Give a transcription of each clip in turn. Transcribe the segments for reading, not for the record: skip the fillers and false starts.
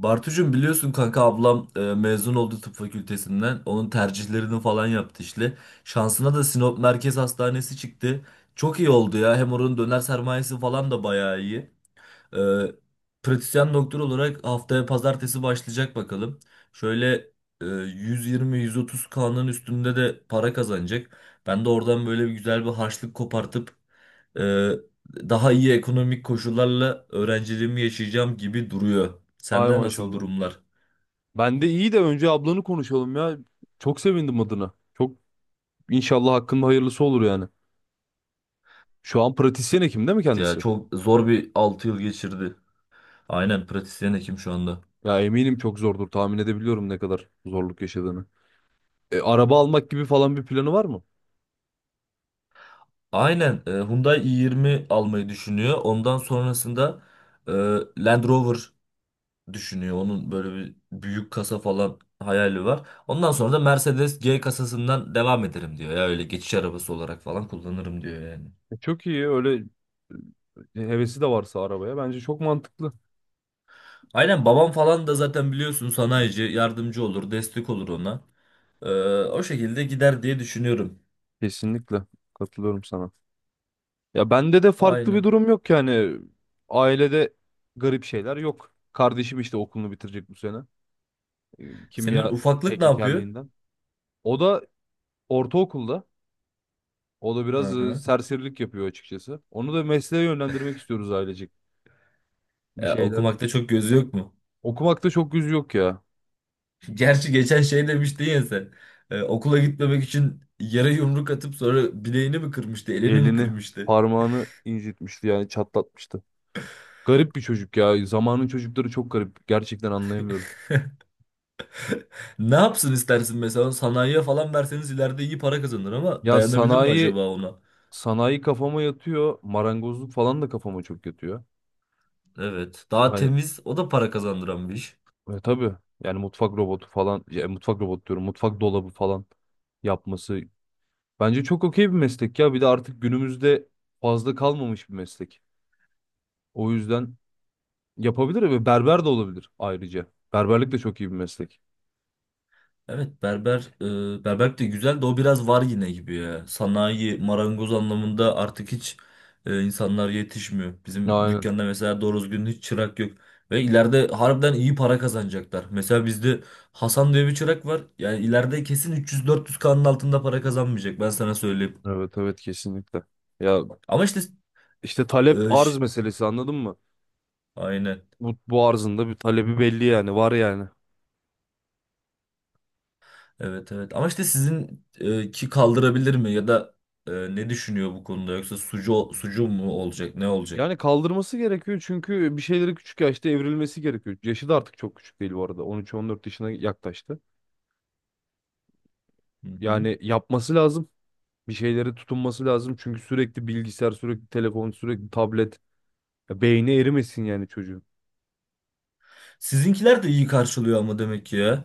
Bartucuğum biliyorsun kanka ablam mezun oldu tıp fakültesinden. Onun tercihlerini falan yaptı işte. Şansına da Sinop Merkez Hastanesi çıktı. Çok iyi oldu ya. Hem oranın döner sermayesi falan da bayağı iyi. Ee, Pratisyen doktor olarak haftaya pazartesi başlayacak bakalım. Şöyle 120-130 kanın üstünde de para kazanacak. Ben de oradan böyle bir güzel bir harçlık kopartıp e, daha iyi ekonomik koşullarla öğrenciliğimi yaşayacağım gibi duruyor. Hay Sende nasıl maşallah. durumlar? Ben de iyi de önce ablanı konuşalım ya. Çok sevindim adına. Çok inşallah hakkında hayırlısı olur yani. Şu an pratisyen hekim değil mi Ya kendisi? çok zor bir 6 yıl geçirdi. Aynen pratisyen hekim şu anda. Ya eminim çok zordur. Tahmin edebiliyorum ne kadar zorluk yaşadığını. Araba almak gibi falan bir planı var mı? Aynen Hyundai i20 almayı düşünüyor. Ondan sonrasında e, Land Rover düşünüyor. Onun böyle bir büyük kasa falan hayali var. Ondan sonra da Mercedes G kasasından devam ederim diyor. Ya öyle geçiş arabası olarak falan kullanırım diyor yani. Çok iyi. Öyle hevesi de varsa arabaya bence çok mantıklı. Aynen babam falan da zaten biliyorsun sanayici, yardımcı olur, destek olur ona. Ee, O şekilde gider diye düşünüyorum. Kesinlikle katılıyorum sana. Ya bende de farklı bir Aynen. durum yok yani. Ailede garip şeyler yok. Kardeşim işte okulunu bitirecek bu sene. E, Senin Kimya ufaklık ne yapıyor? teknikerliğinden. O da ortaokulda. O da Hı biraz hı. serserilik yapıyor açıkçası. Onu da mesleğe yönlendirmek istiyoruz ailecek. Bir şeyler. Okumakta çok gözü yok mu? Okumakta çok yüzü yok ya. Gerçi geçen şey demiştin ya sen. Okula gitmemek için yere yumruk atıp sonra bileğini mi kırmıştı, elini mi Elini, kırmıştı? parmağını incitmişti yani çatlatmıştı. Garip bir çocuk ya. Zamanın çocukları çok garip. Gerçekten anlayamıyorum. Ne yapsın istersin, mesela sanayiye falan verseniz ileride iyi para kazanır ama Ya dayanabilir mi sanayi, acaba ona? sanayi kafama yatıyor. Marangozluk falan da kafama çok yatıyor. Evet. Daha Hani temiz, o da para kazandıran bir iş. Tabii yani mutfak robotu falan. Ya, mutfak robotu diyorum. Mutfak dolabı falan yapması. Bence çok okey bir meslek ya. Bir de artık günümüzde fazla kalmamış bir meslek. O yüzden yapabilir ve berber de olabilir ayrıca. Berberlik de çok iyi bir meslek. Evet, berberlik de güzel de o biraz var yine gibi ya. Sanayi marangoz anlamında artık hiç insanlar yetişmiyor. Bizim Aynen. dükkanda mesela doğru düzgün hiç çırak yok. Ve ileride harbiden iyi para kazanacaklar. Mesela bizde Hasan diye bir çırak var. Yani ileride kesin 300-400K'nın altında para kazanmayacak, ben sana söyleyeyim. Evet, evet, kesinlikle. Ya Ama işte işte talep e, arz ş- meselesi anladın mı? aynen. Bu arzın da bir talebi belli yani var yani. Evet, evet, ama işte sizin ki, kaldırabilir mi ya da ne düşünüyor bu konuda, yoksa sucu sucu mu olacak, ne olacak? Yani kaldırması gerekiyor çünkü bir şeyleri küçük yaşta evrilmesi gerekiyor. Yaşı da artık çok küçük değil bu arada. 13-14 yaşına yaklaştı. Hı hı. Yani yapması lazım. Bir şeylere tutunması lazım. Çünkü sürekli bilgisayar, sürekli telefon, sürekli tablet. Ya beyni erimesin yani çocuğun. Sizinkiler de iyi karşılıyor ama demek ki ya.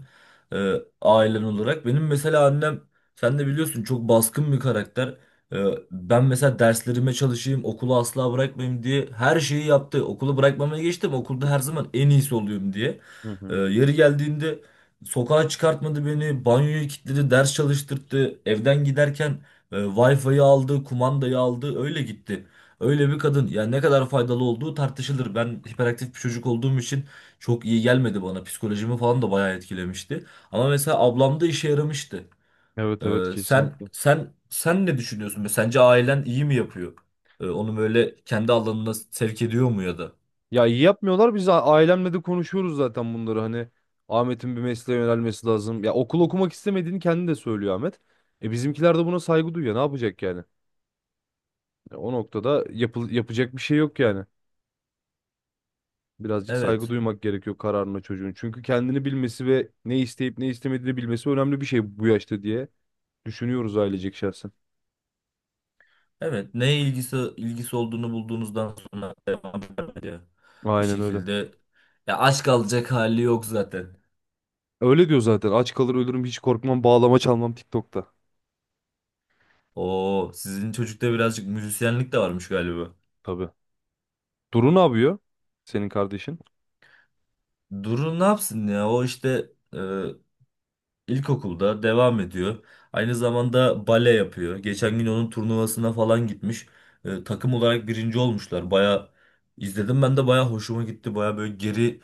Ee, Ailen olarak. Benim mesela annem, sen de biliyorsun, çok baskın bir karakter. Ee, Ben mesela derslerime çalışayım, okulu asla bırakmayayım diye her şeyi yaptı. Okulu bırakmamaya geçtim. Okulda her zaman en iyisi oluyorum diye. Hı hı. Yeri geldiğinde sokağa çıkartmadı beni, banyoyu kilitledi, ders çalıştırdı. Evden giderken Wi-Fi'yi aldı, kumandayı aldı, öyle gitti. Öyle bir kadın. Yani ne kadar faydalı olduğu tartışılır. Ben hiperaktif bir çocuk olduğum için çok iyi gelmedi bana. Psikolojimi falan da bayağı etkilemişti. Ama mesela ablamda işe yaramıştı. Evet, evet, Ee, sen kesinlikle. sen sen ne düşünüyorsun? Sence ailen iyi mi yapıyor? Onu böyle kendi alanına sevk ediyor mu ya da? Ya iyi yapmıyorlar. Ailemle de konuşuyoruz zaten bunları. Hani Ahmet'in bir mesleğe yönelmesi lazım. Ya okul okumak istemediğini kendi de söylüyor Ahmet. E bizimkiler de buna saygı duyuyor. Ne yapacak yani? Ya o noktada yapacak bir şey yok yani. Birazcık saygı Evet. duymak gerekiyor kararına çocuğun. Çünkü kendini bilmesi ve ne isteyip ne istemediğini bilmesi önemli bir şey bu yaşta diye düşünüyoruz ailecek şahsen. Evet. Neye ilgisi olduğunu bulduğunuzdan sonra devam ediyor. Bir Aynen öyle. şekilde ya, aşk alacak hali yok zaten. Öyle diyor zaten. Aç kalır ölürüm, hiç korkmam, bağlama çalmam TikTok'ta. Oo, sizin çocukta birazcık müzisyenlik de varmış galiba. Tabii. Duru ne yapıyor? Senin kardeşin. Durun ne yapsın ya? O işte e, İlkokulda devam ediyor. Aynı zamanda bale yapıyor. Geçen gün onun turnuvasına falan gitmiş. Takım olarak birinci olmuşlar. Baya izledim, ben de baya hoşuma gitti. Baya böyle geri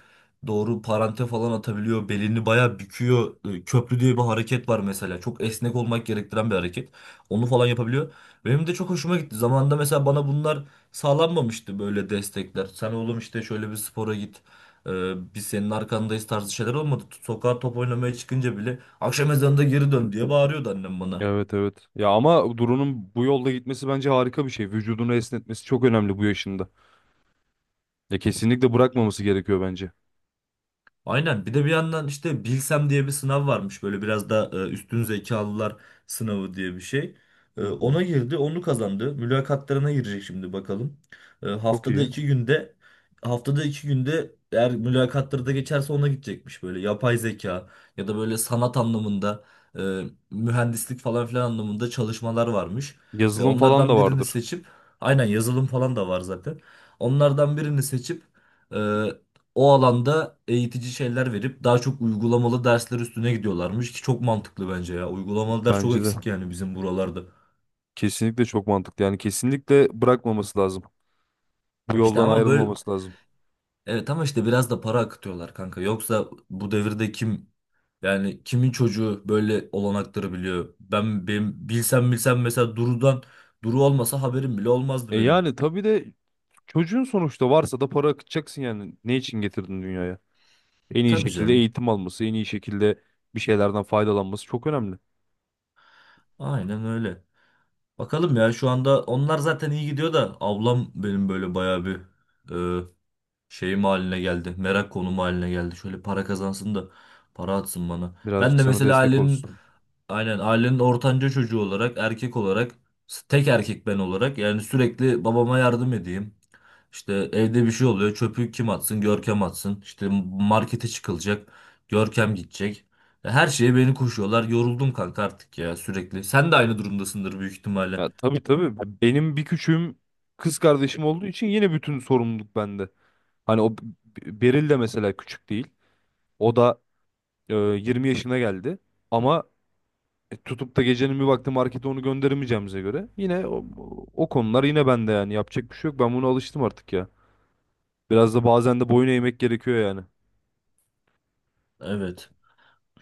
doğru parante falan atabiliyor. Belini baya büküyor. Köprü diye bir hareket var mesela. Çok esnek olmak gerektiren bir hareket. Onu falan yapabiliyor. Benim de çok hoşuma gitti. Zamanında mesela bana bunlar sağlanmamıştı, böyle destekler. Sen oğlum işte şöyle bir spora git. E, Biz senin arkandayız tarzı şeyler olmadı. Sokağa top oynamaya çıkınca bile akşam ezanında geri dön diye bağırıyordu annem bana. Evet, evet. Ya ama Duru'nun bu yolda gitmesi bence harika bir şey. Vücudunu esnetmesi çok önemli bu yaşında. Ya kesinlikle bırakmaması gerekiyor bence. Aynen. Bir de bir yandan işte Bilsem diye bir sınav varmış. Böyle biraz da üstün zekalılar sınavı diye bir şey. Hı hı. Ona girdi, onu kazandı. Mülakatlarına girecek şimdi bakalım. E, Çok haftada iyi. iki günde haftada iki günde eğer mülakatları da geçerse ona gidecekmiş, böyle yapay zeka ya da böyle sanat anlamında e, mühendislik falan filan anlamında çalışmalar varmış. Yazılım falan Onlardan da birini vardır. seçip aynen, yazılım falan da var zaten. Onlardan birini seçip e, o alanda eğitici şeyler verip daha çok uygulamalı dersler üstüne gidiyorlarmış, ki çok mantıklı bence ya. Uygulamalı ders çok Bence de. eksik yani bizim buralarda. Kesinlikle çok mantıklı. Yani kesinlikle bırakmaması lazım. Bu İşte yoldan ama böyle, ayrılmaması lazım. evet, ama işte biraz da para akıtıyorlar kanka. Yoksa bu devirde kim, yani kimin çocuğu böyle olanakları biliyor? Ben benim Bilsem Bilsem mesela Duru'dan, Duru olmasa haberim bile E olmazdı benim. yani tabii de çocuğun sonuçta varsa da para akıtacaksın yani. Ne için getirdin dünyaya? En iyi Tabii şekilde canım. eğitim alması, en iyi şekilde bir şeylerden faydalanması çok önemli. Aynen öyle. Bakalım ya, şu anda onlar zaten iyi gidiyor da ablam benim böyle bayağı bir şeyim haline geldi. Merak konumu haline geldi. Şöyle para kazansın da para atsın bana. Ben Birazcık de sana mesela destek olsun. Ailenin ortanca çocuğu olarak, erkek olarak, tek erkek ben olarak yani sürekli babama yardım edeyim. İşte evde bir şey oluyor. Çöpü kim atsın? Görkem atsın. İşte markete çıkılacak. Görkem gidecek. Her şeye beni koşuyorlar. Yoruldum kanka artık ya, sürekli. Sen de aynı durumdasındır büyük ihtimalle. Ya tabii, tabii, benim bir küçüğüm kız kardeşim olduğu için yine bütün sorumluluk bende. Hani o Beril de mesela küçük değil. O da 20 yaşına geldi. Ama tutup da gecenin bir vakti markete onu gönderemeyeceğimize göre yine o, o konular yine bende yani yapacak bir şey yok. Ben buna alıştım artık ya. Biraz da bazen de boyun eğmek gerekiyor yani. Evet.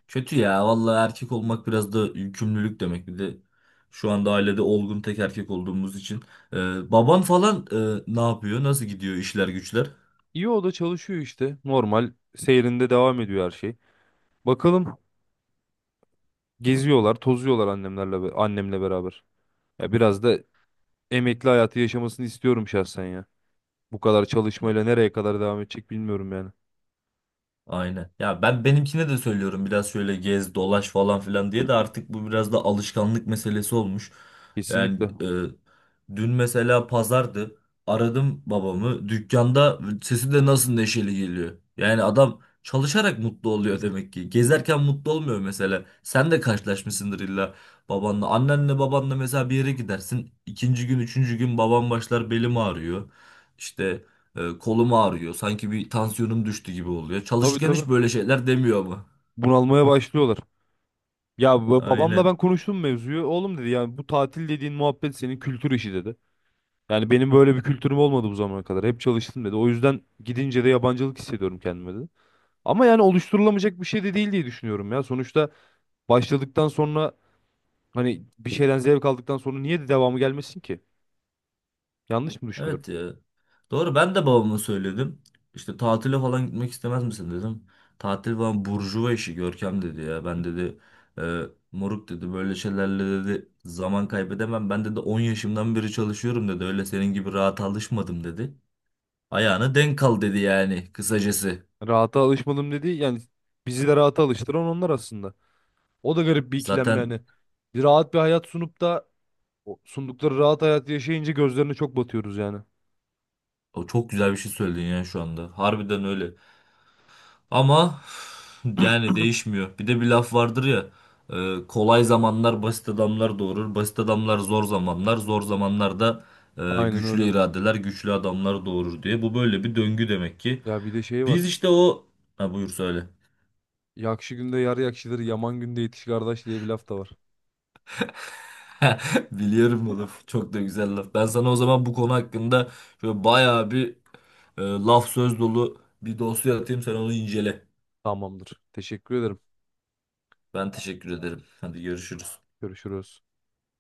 Kötü ya. Vallahi erkek olmak biraz da yükümlülük demek. Bir de şu anda ailede olgun tek erkek olduğumuz için. Baban falan ne yapıyor? Nasıl gidiyor işler güçler? İyi, o da çalışıyor işte. Normal seyrinde devam ediyor her şey. Bakalım geziyorlar, tozuyorlar annemle beraber. Ya biraz da emekli hayatı yaşamasını istiyorum şahsen ya. Bu kadar çalışmayla nereye kadar devam edecek bilmiyorum yani. Aynen. Ya ben benimkine de söylüyorum, biraz şöyle gez dolaş falan filan diye, de artık bu biraz da alışkanlık meselesi olmuş. Yani Kesinlikle. Dün mesela pazardı. Aradım babamı. Dükkanda sesi de nasıl neşeli geliyor. Yani adam çalışarak mutlu oluyor demek ki. Gezerken mutlu olmuyor mesela. Sen de karşılaşmışsındır illa babanla. Annenle babanla mesela bir yere gidersin. İkinci gün, üçüncü gün babam başlar, belim ağrıyor. İşte kolum ağrıyor. Sanki bir tansiyonum düştü gibi oluyor. Tabii, Çalışırken tabii. hiç böyle şeyler demiyor ama. Bunalmaya başlıyorlar. Babamla ben Aynen. konuştum mevzuyu. Oğlum dedi yani bu tatil dediğin muhabbet senin kültür işi dedi. Yani benim böyle bir kültürüm olmadı bu zamana kadar. Hep çalıştım dedi. O yüzden gidince de yabancılık hissediyorum kendime dedi. Ama yani oluşturulamayacak bir şey de değil diye düşünüyorum ya. Sonuçta başladıktan sonra hani bir şeyden zevk aldıktan sonra niye de devamı gelmesin ki? Yanlış mı düşünüyorum? Evet ya. Doğru, ben de babama söyledim. İşte tatile falan gitmek istemez misin dedim. Tatil falan burjuva işi Görkem dedi ya. Ben dedi e, moruk dedi, böyle şeylerle dedi zaman kaybedemem. Ben dedi 10 yaşımdan beri çalışıyorum dedi. Öyle senin gibi rahat alışmadım dedi. Ayağına denk kal dedi, yani kısacası. Rahata alışmadım dedi. Yani bizi de rahata alıştıran onlar aslında. O da garip bir ikilem Zaten yani. Bir rahat bir hayat sunup da o sundukları rahat hayatı yaşayınca gözlerine çok batıyoruz yani. o çok güzel bir şey söyledin ya şu anda. Harbiden öyle. Ama yani değişmiyor. Bir de bir laf vardır ya. Kolay zamanlar basit adamlar doğurur. Basit adamlar zor zamanlar. Zor zamanlar da Aynen güçlü öyle. iradeler, güçlü adamlar doğurur diye. Bu böyle bir döngü demek ki. Ya bir de şey Biz var. işte o... Ha, buyur söyle. Yakşı günde yar yakşıdır, yaman günde yetiş kardeş diye bir laf da var. Biliyorum bu laf. Çok da güzel laf. Ben sana o zaman bu konu hakkında şöyle bayağı bir laf söz dolu bir dosya atayım. Sen onu incele. Tamamdır. Teşekkür ederim. Ben teşekkür ederim. Hadi görüşürüz. Görüşürüz.